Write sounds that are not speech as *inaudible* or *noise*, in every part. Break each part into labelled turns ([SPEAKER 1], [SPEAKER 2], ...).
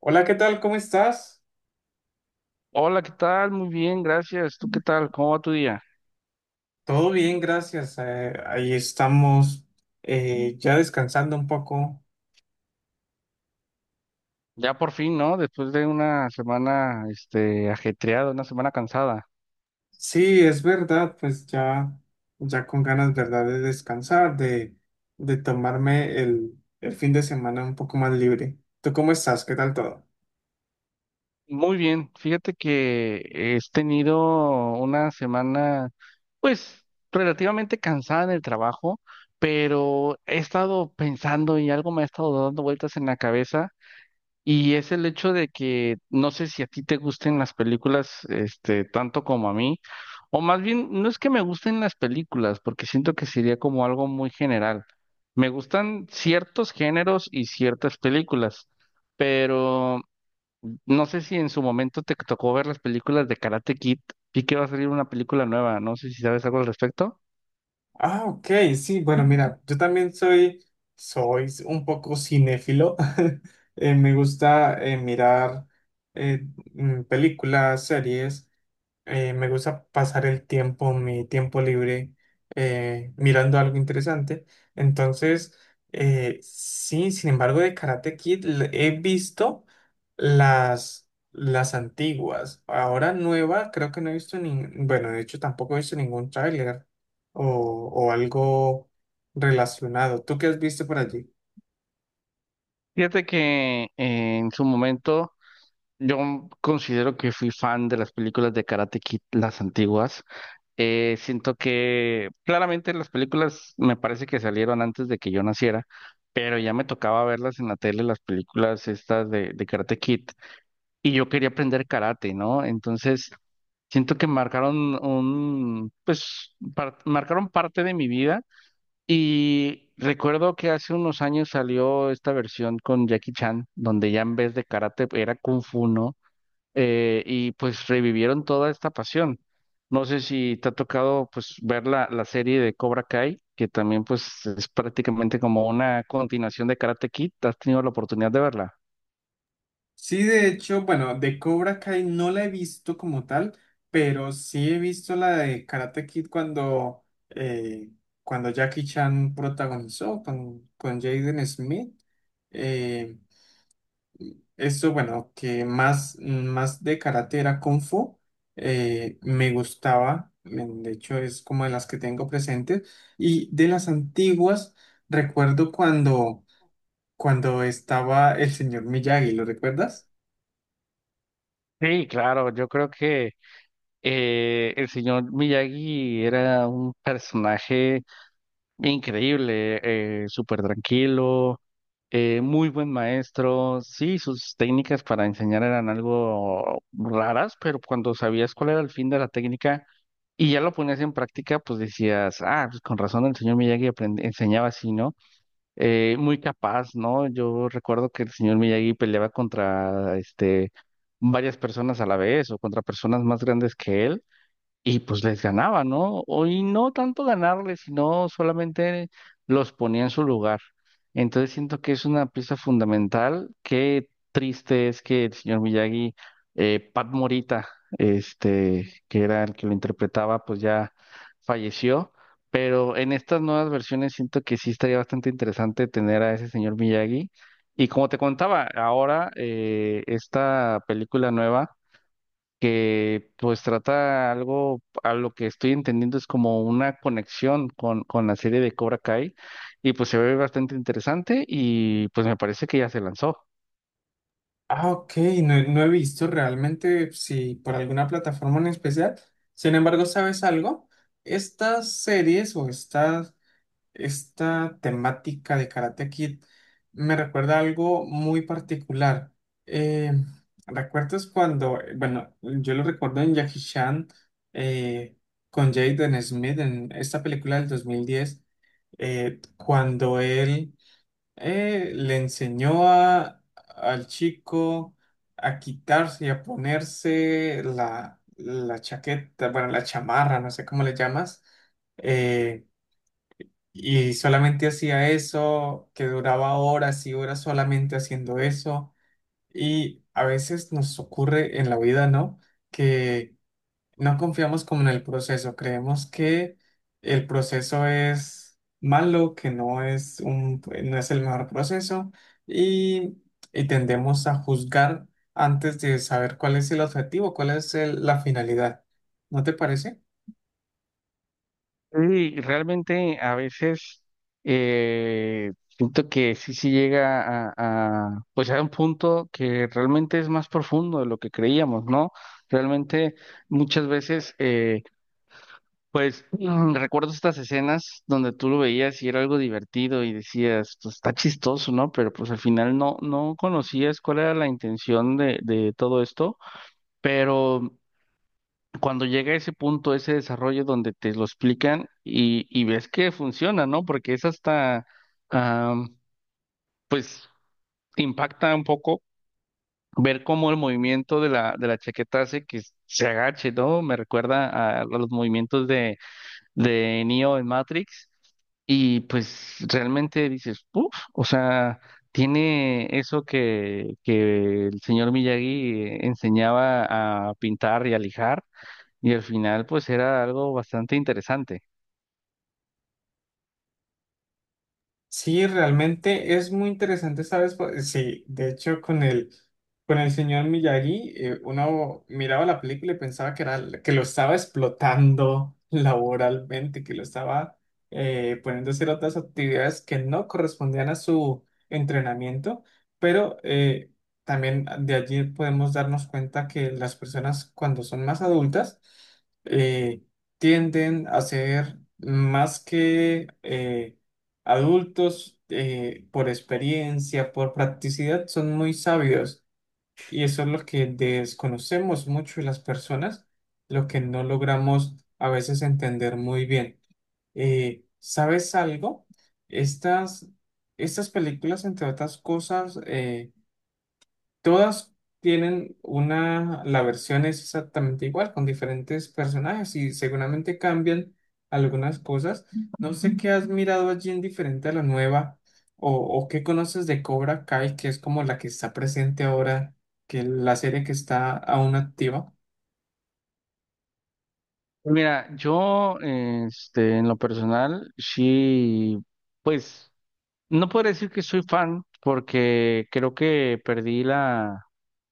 [SPEAKER 1] Hola, ¿qué tal? ¿Cómo estás?
[SPEAKER 2] Hola, ¿qué tal? Muy bien, gracias. ¿Tú qué tal? ¿Cómo va tu día?
[SPEAKER 1] Todo bien, gracias. Ahí estamos, ya descansando un poco.
[SPEAKER 2] Ya por fin, ¿no? Después de una semana, este, ajetreada, una semana cansada.
[SPEAKER 1] Sí, es verdad, pues ya, ya con ganas, ¿verdad? De descansar, de tomarme el fin de semana un poco más libre. ¿Tú cómo estás? ¿Qué tal todo?
[SPEAKER 2] Muy bien. Fíjate que he tenido una semana, pues, relativamente cansada en el trabajo, pero he estado pensando y algo me ha estado dando vueltas en la cabeza. Y es el hecho de que no sé si a ti te gusten las películas, este, tanto como a mí, o más bien, no es que me gusten las películas, porque siento que sería como algo muy general. Me gustan ciertos géneros y ciertas películas, pero no sé si en su momento te tocó ver las películas de Karate Kid. Vi que va a salir una película nueva. No sé si sabes algo al respecto.
[SPEAKER 1] Ah, ok, sí, bueno, mira, yo también soy, soy un poco cinéfilo. *laughs* Me gusta mirar eh, películas, series. Me gusta pasar el tiempo, mi tiempo libre, mirando algo interesante. Entonces, sí, sin embargo, de Karate Kid he visto las antiguas. Ahora nueva, creo que no he visto ni, bueno, de hecho tampoco he visto ningún tráiler o, o algo relacionado. ¿Tú qué has visto por allí?
[SPEAKER 2] Fíjate que en su momento yo considero que fui fan de las películas de Karate Kid, las antiguas. Siento que claramente las películas me parece que salieron antes de que yo naciera, pero ya me tocaba verlas en la tele, las películas estas de Karate Kid, y yo quería aprender karate, ¿no? Entonces, siento que marcaron un, pues, marcaron parte de mi vida y recuerdo que hace unos años salió esta versión con Jackie Chan, donde ya en vez de karate era kung fu, ¿no? Y pues revivieron toda esta pasión. No sé si te ha tocado pues ver la serie de Cobra Kai, que también pues es prácticamente como una continuación de Karate Kid. ¿Has tenido la oportunidad de verla?
[SPEAKER 1] Sí, de hecho, bueno, de Cobra Kai no la he visto como tal, pero sí he visto la de Karate Kid cuando, cuando Jackie Chan protagonizó con Jaden Smith. Eh, Esto, bueno, que más, más de karate era Kung Fu, me gustaba, de hecho es como de las que tengo presentes, y de las antiguas, recuerdo cuando, cuando estaba el señor Miyagi, ¿lo recuerdas?
[SPEAKER 2] Sí, claro, yo creo que el señor Miyagi era un personaje increíble, súper tranquilo, muy buen maestro. Sí, sus técnicas para enseñar eran algo raras, pero cuando sabías cuál era el fin de la técnica y ya lo ponías en práctica, pues decías, ah, pues con razón el señor Miyagi enseñaba así, ¿no? Muy capaz, ¿no? Yo recuerdo que el señor Miyagi peleaba contra, este, varias personas a la vez o contra personas más grandes que él. Y pues les ganaba, ¿no? Y no tanto ganarles, sino solamente los ponía en su lugar. Entonces siento que es una pieza fundamental. Qué triste es que el señor Miyagi, Pat Morita, este, que era el que lo interpretaba, pues ya falleció. Pero en estas nuevas versiones siento que sí estaría bastante interesante tener a ese señor Miyagi. Y como te contaba, ahora esta película nueva que pues trata algo, a lo que estoy entendiendo es como una conexión con la serie de Cobra Kai y pues se ve bastante interesante y pues me parece que ya se lanzó.
[SPEAKER 1] Ah, ok, no, no he visto realmente si por alguna plataforma en especial. Sin embargo, ¿sabes algo? Estas series o esta temática de Karate Kid me recuerda a algo muy particular. Eh, ¿Recuerdas cuando, bueno, yo lo recuerdo en Jackie Chan eh, con Jaden Smith en esta película del 2010, cuando él le enseñó a, al chico a quitarse y a ponerse la, la chaqueta, bueno, la chamarra, no sé cómo le llamas. eh, y solamente hacía eso, que duraba horas y horas solamente haciendo eso. Y a veces nos ocurre en la vida, ¿no? Que no confiamos como en el proceso, creemos que el proceso es malo, que no es un, no es el mejor proceso y, y tendemos a juzgar antes de saber cuál es el objetivo, cuál es la finalidad. ¿No te parece?
[SPEAKER 2] Y realmente a veces siento que sí, sí llega pues a un punto que realmente es más profundo de lo que creíamos, ¿no? Realmente muchas veces pues recuerdo estas escenas donde tú lo veías y era algo divertido y decías, pues está chistoso, ¿no? Pero pues al final no conocías cuál era la intención de todo esto, pero cuando llega ese punto, ese desarrollo donde te lo explican y ves que funciona, ¿no? Porque es hasta, ah, pues impacta un poco ver cómo el movimiento de la chaqueta hace que se agache, ¿no? Me recuerda a los movimientos de Neo en Matrix. Y pues realmente dices, uff, o sea, tiene eso que el señor Miyagi enseñaba a pintar y a lijar, y al final pues era algo bastante interesante.
[SPEAKER 1] Sí, realmente es muy interesante, ¿sabes? Pues, sí, de hecho, con el señor Miyagi, uno miraba la película y pensaba que, era, que lo estaba explotando *laughs* laboralmente, que lo estaba poniendo a hacer otras actividades que no correspondían a su entrenamiento, pero también de allí podemos darnos cuenta que las personas cuando son más adultas, eh, tienden a ser más que... adultos, por experiencia, por practicidad, son muy sabios y eso es lo que desconocemos mucho de las personas, lo que no logramos a veces entender muy bien. ¿Sabes algo? Estas, estas películas, entre otras cosas, todas tienen una, la versión es exactamente igual, con diferentes personajes y seguramente cambian algunas cosas. No sé qué has mirado allí en diferente a la nueva o qué conoces de Cobra Kai, que es como la que está presente ahora, que la serie que está aún activa.
[SPEAKER 2] Pues, mira, yo este, en lo personal, sí, pues no puedo decir que soy fan, porque creo que perdí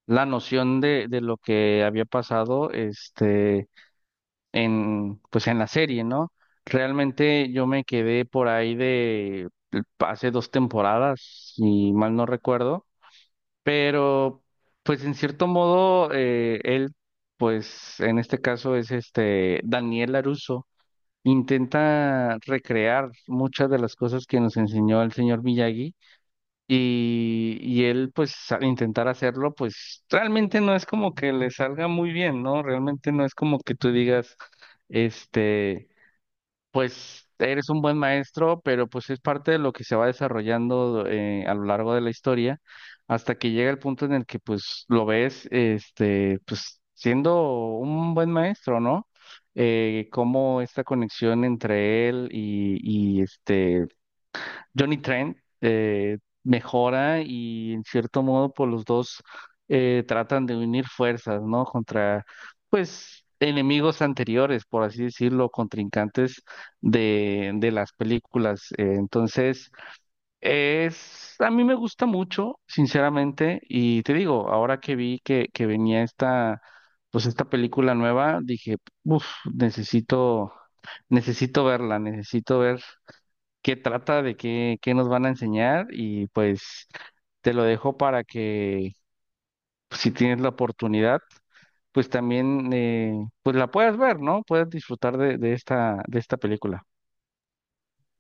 [SPEAKER 2] la noción de lo que había pasado, este en, pues en la serie, ¿no? Realmente yo me quedé por ahí de hace dos temporadas, si mal no recuerdo, pero pues en cierto modo pues en este caso es este Daniel LaRusso, intenta recrear muchas de las cosas que nos enseñó el señor Miyagi y él, pues, al intentar hacerlo, pues, realmente no es como que le salga muy bien, ¿no? Realmente no es como que tú digas, este, pues, eres un buen maestro, pero pues es parte de lo que se va desarrollando a lo largo de la historia, hasta que llega el punto en el que, pues, lo ves, este, pues, siendo un buen maestro, ¿no? Cómo esta conexión entre y este Johnny Trent mejora y en cierto modo por los dos tratan de unir fuerzas, ¿no? Contra, pues, enemigos anteriores, por así decirlo, contrincantes de las películas. Entonces, es, a mí me gusta mucho, sinceramente, y te digo, ahora que vi que venía esta, pues, esta película nueva, dije, uff, necesito, necesito verla, necesito ver qué trata, de qué, qué nos van a enseñar y pues te lo dejo para que pues, si tienes la oportunidad, pues también pues la puedas ver, ¿no? Puedes disfrutar de esta película.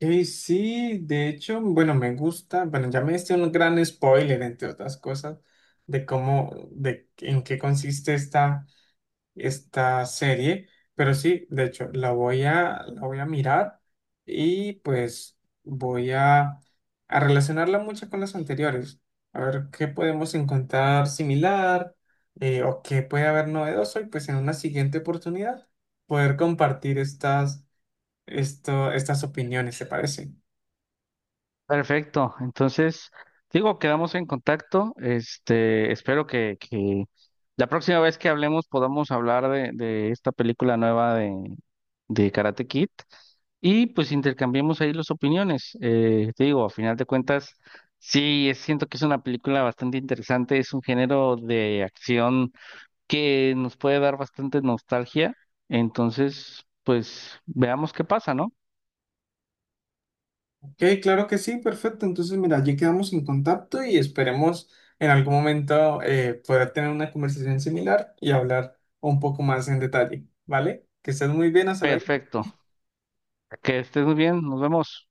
[SPEAKER 1] Sí, de hecho, bueno, me gusta, bueno, ya me diste un gran spoiler, entre otras cosas, de cómo, de en qué consiste esta esta serie, pero sí, de hecho, la voy a mirar y pues voy a relacionarla mucho con las anteriores, a ver qué podemos encontrar similar o qué puede haber novedoso y pues en una siguiente oportunidad poder compartir estas, esto, estas opiniones, ¿te parece?
[SPEAKER 2] Perfecto. Entonces, digo, quedamos en contacto. Este, espero que la próxima vez que hablemos podamos hablar de esta película nueva de Karate Kid y pues intercambiemos ahí las opiniones. Te digo, a final de cuentas, sí, siento que es una película bastante interesante. Es un género de acción que nos puede dar bastante nostalgia. Entonces, pues veamos qué pasa, ¿no?
[SPEAKER 1] Ok, claro que sí, perfecto. Entonces, mira, allí quedamos en contacto y esperemos en algún momento poder tener una conversación similar y hablar un poco más en detalle, ¿vale? Que estés muy bien, hasta luego.
[SPEAKER 2] Perfecto. Que estés muy bien. Nos vemos.